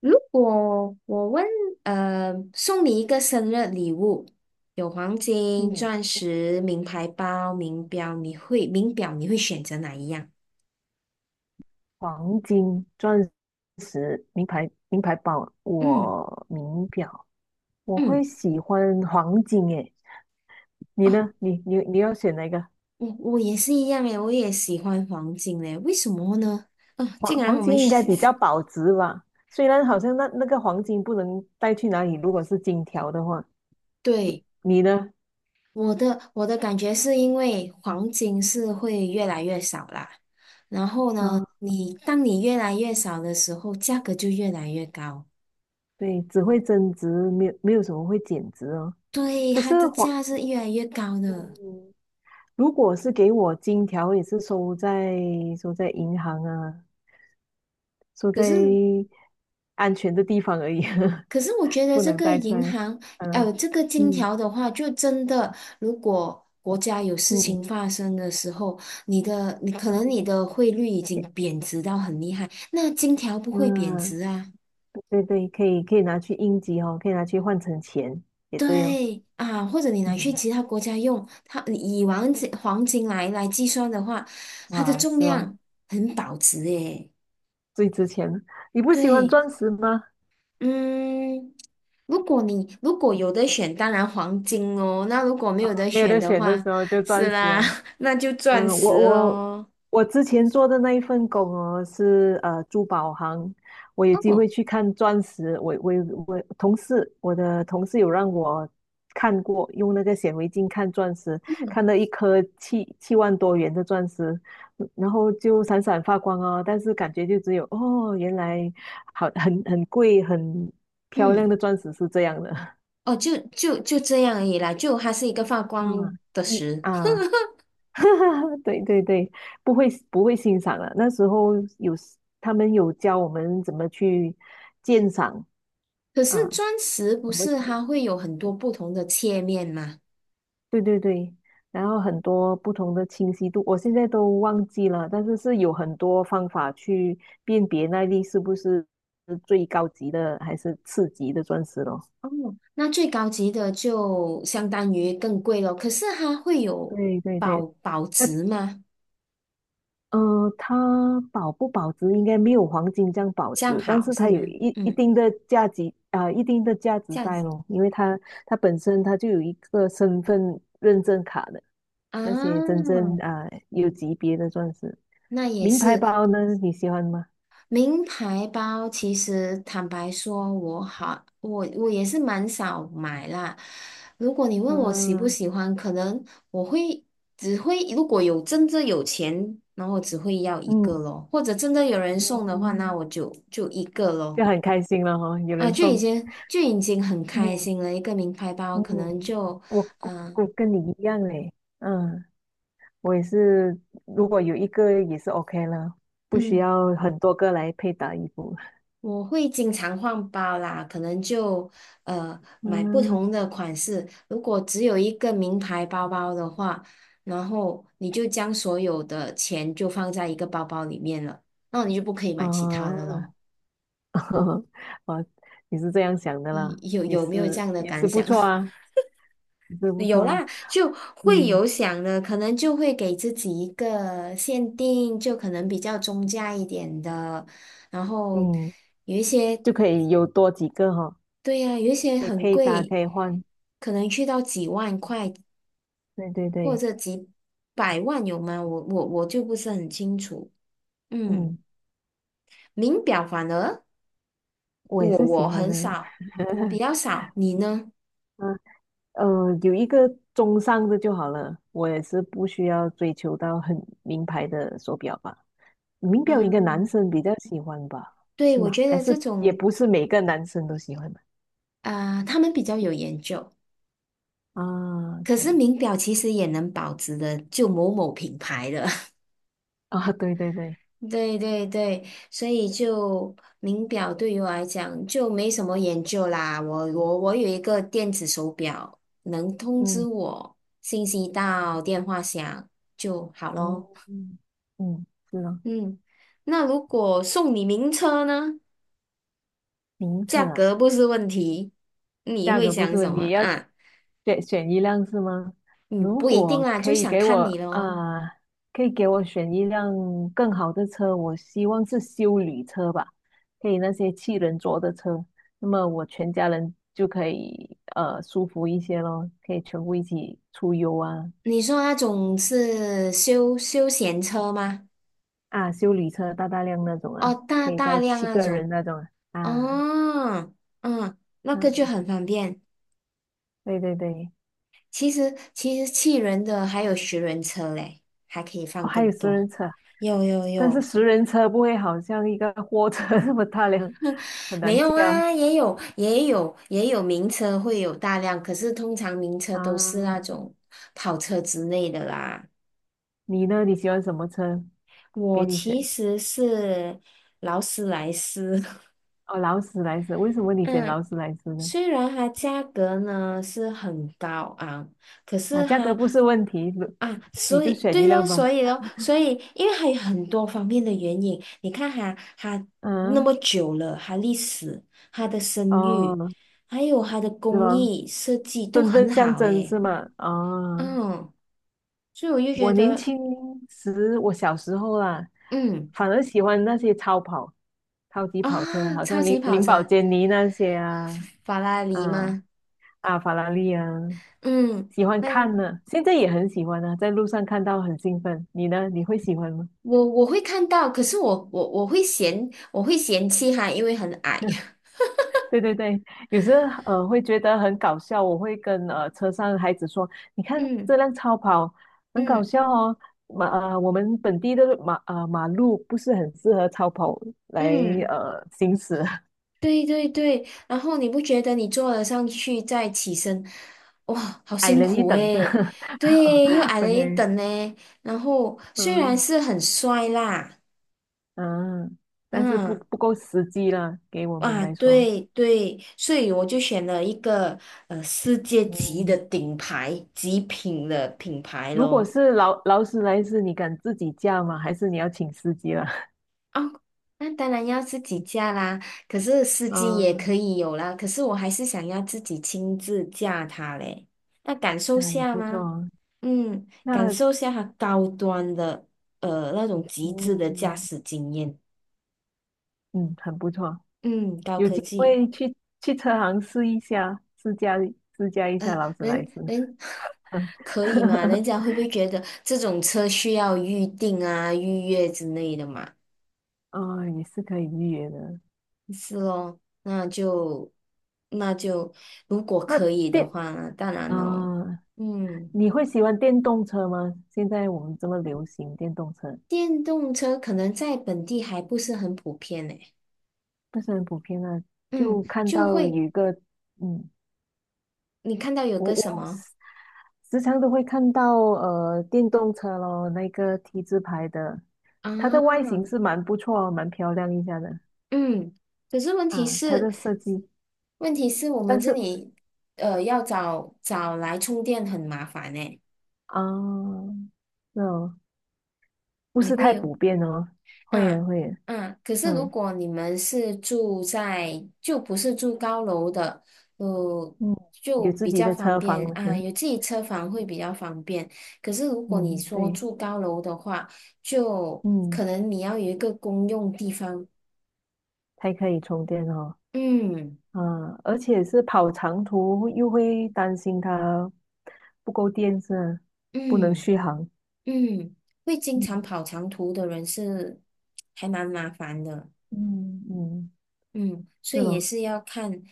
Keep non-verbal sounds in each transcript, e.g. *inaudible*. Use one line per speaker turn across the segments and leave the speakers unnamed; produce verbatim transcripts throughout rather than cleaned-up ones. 如果我问，呃，送你一个生日礼物，有黄金、
嗯，
钻石、名牌包、名表，你会名表你会选择哪一样？
黄金、钻石、名牌、名牌包，
嗯
我名表，我会
嗯，
喜欢黄金诶。你
哦，
呢？你你你要选哪一个？
我我也是一样诶，我也喜欢黄金诶，为什么呢？啊、
黄
竟然
黄
我们
金应该
是
比较
是
保值吧？虽然好像那那个黄金不能带去哪里，如果是金条的话，
对，
你呢？
我的我的感觉是因为黄金是会越来越少啦，然后呢，
啊，
你当你越来越少的时候，价格就越来越高。
对，只会增值，没有没有什么会减值哦。
对，
可
它
是
的
黄，
价是越来越高的。
嗯如果是给我金条，也是收在收在银行啊，收
可
在。
是，
安全的地方而已，*laughs*
可是我觉得
不
这
能
个
带出
银
来。
行，
嗯
呃，这个金
嗯
条的话，就真的，如果国家有事
嗯，
情发生的时候，你的，你可
好
能你
，OK，
的汇率已经贬值到很厉害，那金条不会贬
嗯，
值啊。
对对，可以可以拿去应急哦，可以拿去换成钱，也对哦。
对啊，或者你拿去
嗯，
其他国家用，它你以黄金黄金来来计算的话，它的
哇，
重
是哦，
量很保值诶。
最值钱了。你不喜欢
对。
钻石吗？
嗯，如果你如果有得选，当然黄金哦。那如果没有得
没有
选
得
的
选的
话，
时候就钻
是
石
啦，
哦。
*laughs* 那就钻
嗯，我
石
我
咯。
我之前做的那一份工哦，是呃珠宝行，我有机
哦，
会去看钻石，我我我同事，我的同事有让我看过，用那个显微镜看钻石，
嗯
看到一颗七七万多元的钻石，嗯然后就闪闪发光哦，但是感觉就只有哦，原来好很很贵很漂亮
嗯，
的钻石是这样的，
哦，就就就这样而已啦。就它是一个发
*laughs*
光
嗯，
的
一
石，
啊。*laughs* 对对对，不会不会欣赏了。那时候有 s- 他们有教我们怎么去鉴赏
*laughs* 可
啊，
是钻石不
怎么
是
写？
它会有很多不同的切面吗？
对对对。然后很多不同的清晰度，我现在都忘记了，但是是有很多方法去辨别那粒是不是最高级的还是次级的钻石咯。
哦，那最高级的就相当于更贵咯。可是它会有
对对
保
对，
保值吗？
嗯，它保不保值应该没有黄金这样保
这样
值，但
好
是
是
它有
吗？
一一
嗯，
定的价值啊、一定的价值
这样
在
子
咯，因为它它本身它就有一个身份认证卡的那些真
啊。
正啊、有级别的钻石，
那也
名牌
是
包呢你喜欢吗？
名牌包。其实坦白说，我好，我我也是蛮少买啦。如果你问我喜不
啊，
喜欢，可能我会只会如果有真正有钱，然后我只会要一
嗯
个咯，或者真的有人送的话，那
嗯，
我就就一个咯。
就很开心了哈、有
啊，
人
就已
送，
经就已经很开
嗯
心了。一个名牌包
嗯，
可能就
我我
嗯、呃
我跟你一样嘞，嗯。我也是，如果有一个也是 OK 了，不需
嗯。
要很多个来配搭衣服。
我会经常换包啦，可能就呃买不
嗯
同的款式。如果只有一个名牌包包的话，然后你就将所有的钱就放在一个包包里面了，那你就不可以
啊，
买其他的咯。
*laughs* 哦，你是这样想的
你
啦，
有
也
有没有这
是
样的
也
感
是不
想？*laughs*
错啊，也是不错
有
啊。
啦，就会
嗯
有想的，可能就会给自己一个限定，就可能比较中价一点的，然后
嗯，
有一些。
就可以有多几个哈、
对呀，有一些
可以
很
配搭，
贵，
可以换。
可能去到几万块
对对
或
对，
者几百万有吗？我我我就不是很清楚。
嗯，
嗯，名表反而
我也
我
是喜
我
欢
很
的。
少，我比较少，你呢？
嗯呃，有一个中上的就好了，我也是不需要追求到很名牌的手表吧。民调应该男
嗯，
生比较喜欢吧？
对，
是
我
吗？
觉
还
得这
是也
种
不是每个男生都喜欢吧？
啊、他们比较有研究。
啊
可是
？OK，
名表其实也能保值的，就某某品牌的。
啊，对对对，
对对对，所以就名表对于我来讲就没什么研究啦。我我我有一个电子手表，能通知
嗯
我信息到电话响就好
嗯
咯。
嗯，嗯，是啊，
嗯，那如果送你名车呢？
名
价
册啊。
格不是问题，你
价
会
格不
想
是
什
问
么
题，要
啊？
选选一辆是吗？
嗯，
如
不一定
果
啦，就
可以
想
给我
看你咯。
啊、呃可以给我选一辆更好的车，我希望是修理车吧，可以那些七人座的车，那么我全家人就可以呃舒服一些咯，可以全部一起出游啊
你说那种是休休闲车吗？
啊，修理车大大量那种
哦，
啊，
大
可以
大
载
量
七
那
个
种。
人那种啊，啊
哦，嗯，那个就
嗯，
很方便。
对对对，
其实其实七人的还有十人车嘞，还可以
哦，
放
还
更
有私
多。
人车。
有有
但是
有，
十人车不会好像一个货车 *laughs* 那么大辆，很
没
难
有
驾
啊？也有也有也有名车会有大量，可是通常名车都是那
啊。
种跑车之类的啦。
你呢？你喜欢什么车？给
我
你
其
选
实是劳斯莱斯，
哦，劳斯莱斯。为什么
*laughs*
你选
嗯，
劳斯莱斯呢？
虽然它价格呢是很高昂，可
啊，
是
价格
它。
不是问题，
啊，
你
所
就
以
选一
对咯，
辆吧。
所以咯，所以因为还有很多方面的原因，你看哈，它那
嗯，
么久了，它历史、它的声誉，
哦，
还有它的
是
工
吗？
艺设计都
身份
很
象
好
征
诶，
是吗？哦，
嗯，所以我就
我
觉
年
得，
轻时，我小时候啦，
嗯
反而喜欢那些超跑、超级跑车，
啊，
好
超
像
级
林
跑
林宝
车，
坚尼那些啊，
法拉利
啊。
吗？
啊，法拉利啊，
嗯，
喜欢
那
看呢，现在也很喜欢啊，在路上看到很兴奋。你呢？你会喜欢吗？
我我会看到，可是我我我会嫌我会嫌弃它，因为很矮，
对对对，有时候呃会觉得很搞笑，我会跟呃车上的孩子说：“你
*laughs*
看
嗯
这辆超跑很搞
嗯
笑哦，马呃我们本地的马呃马路不是很适合超跑来
嗯。
呃行驶，
对对对，然后你不觉得你坐了上去再起身，哇，好
*laughs* 矮
辛
人一
苦
等
诶，
的。
对，又矮
*laughs*
了一
”OK，
等呢。然后虽然
嗯
是很帅啦，
嗯，但是不
嗯，
不够实际了，给我们
哇，
来说，
对对，所以我就选了一个呃世界级的
嗯
顶牌极品的品牌
如果
咯。
是劳劳斯莱斯，你敢自己驾吗？还是你要请司机了？*laughs*
哦，那当然要自己驾啦，可是司机也
嗯，
可以有啦，可是我还是想要自己亲自驾它嘞，那感受
那也
下
不错
吗？
哦。
嗯，感
那
受下它高端的呃那种极致的驾
嗯
驶经验。
嗯，很不错，
嗯，高
有
科
机
技。
会去去车行试一下，试驾试驾一下
呃，
劳斯莱
人
斯。
人 *laughs* 可以吗？人
*laughs*
家会不会觉得这种车需要预定啊、预约之类的嘛？
嗯，也是可以预约的。
是咯，那就那就如果
那
可以的
电，
话，呢，当然咯。
啊，
嗯，
你会喜欢电动车吗？现在我们这么流行电动车，
电动车可能在本地还不是很普遍呢。
不是很普遍啊。
嗯，
就看
就
到有
会
一个，嗯，
你看到有
我
个什
我
么
时常都会看到呃电动车咯，那个 T 字牌的，它的外
啊？
形是蛮不错哦蛮漂亮一下的
嗯，可是问题
啊，它
是，
的设计，
问题是我们
但
这
是
里呃要找找来充电很麻烦呢。
啊，那、哦，不
你
是
会
太
有
普遍哦，会
啊
员会员，
啊，可是如
嗯
果你们是住在就不是住高楼的，呃，
嗯，
就
有自
比
己
较
的
方
车房，
便啊，
*laughs*
有自己车房会比较方便。可是如果你
嗯
说
对，
住高楼的话，就
嗯
可能你要有一个公用地方。
才可以充电哦，
嗯
啊，而且是跑长途又会担心它不够电是吧不能
嗯。
续航，
嗯，会经常
嗯
跑长途的人是还蛮麻烦的，
嗯嗯，
嗯，所
是
以也
咯。
是要看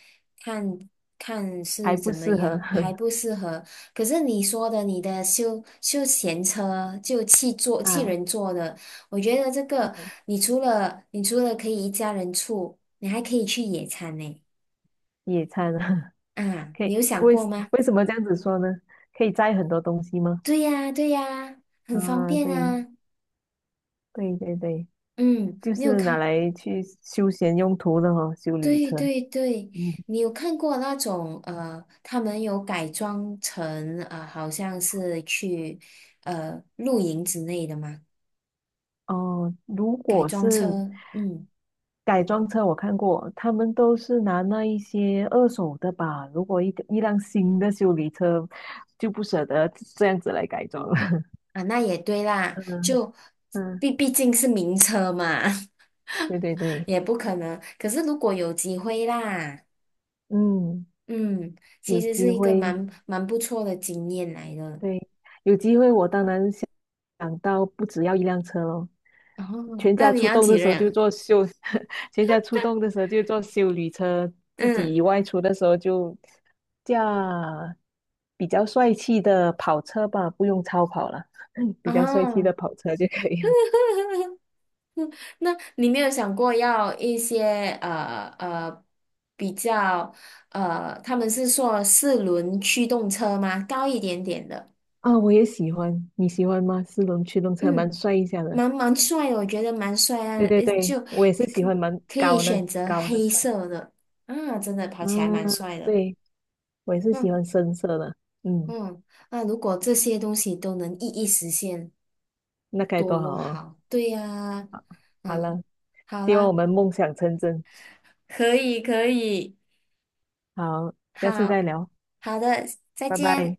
看看是
还不
怎么
适合
样，还
*laughs*
不适合。可是你说的你的休休闲车就汽坐汽
啊
人坐的，我觉得这个你除了你除了可以一家人住，你还可以去野餐呢。
野餐啊，*laughs*
啊，
可
你
以
有想
为
过吗？
为什么这样子说呢？可以摘很多东西吗？
对呀，对呀，很方
啊，
便
对
啊。
对对对，
嗯，
就
你有
是拿
看？
来去休闲用途的哦，修理
对
车。
对对，
嗯，
你有看过那种呃，他们有改装成呃，好像是去呃露营之类的吗？
哦，如
改
果
装
是
车，嗯
改装车，我看过，他们都是拿那一些二手的吧。如果一个一辆新的修理车，就不舍得这样子来改装了。
啊，那也对
*laughs*
啦，
嗯
就
嗯，
毕毕竟是名车嘛，
*laughs* 对对
*laughs*
对，
也不可能。可是如果有机会啦，
嗯，
嗯，其
有
实
机
是一个
会
蛮蛮不错的经验来的。
对，有机会我当然想想到不只要一辆车咯，
哦，
全
那
家
你
出
要
动的
几
时候就
辆？
坐修，*laughs* 全家出动的时候就坐修理车，自
嗯，
己外出的时候就驾比较帅气的跑车吧，不用超跑了，*laughs* 比较帅气的
哦。*laughs*
跑车就可以了。
*laughs* 嗯，那你没有想过要一些呃呃比较呃，他们是说四轮驱动车吗？高一点点的，
啊、我也喜欢，你喜欢吗？四轮驱动车蛮
嗯，
帅一下的。
蛮蛮帅的，我觉得蛮帅啊，
对对
呃
对，
就
我也是喜
可
欢蛮
可以
高的
选择
高的
黑
车。
色的啊，真的跑起来
嗯，
蛮帅的，
对，我也是喜
嗯
欢深色的。嗯，
嗯，那如果这些东西都能一一实现，
那该
多
多
么
好哦。
好，对呀，
好
嗯，
了，
好
希望我
啦，
们梦想成真。
可以可以。
好，下次
好
再聊，
好的，再
拜拜。
见。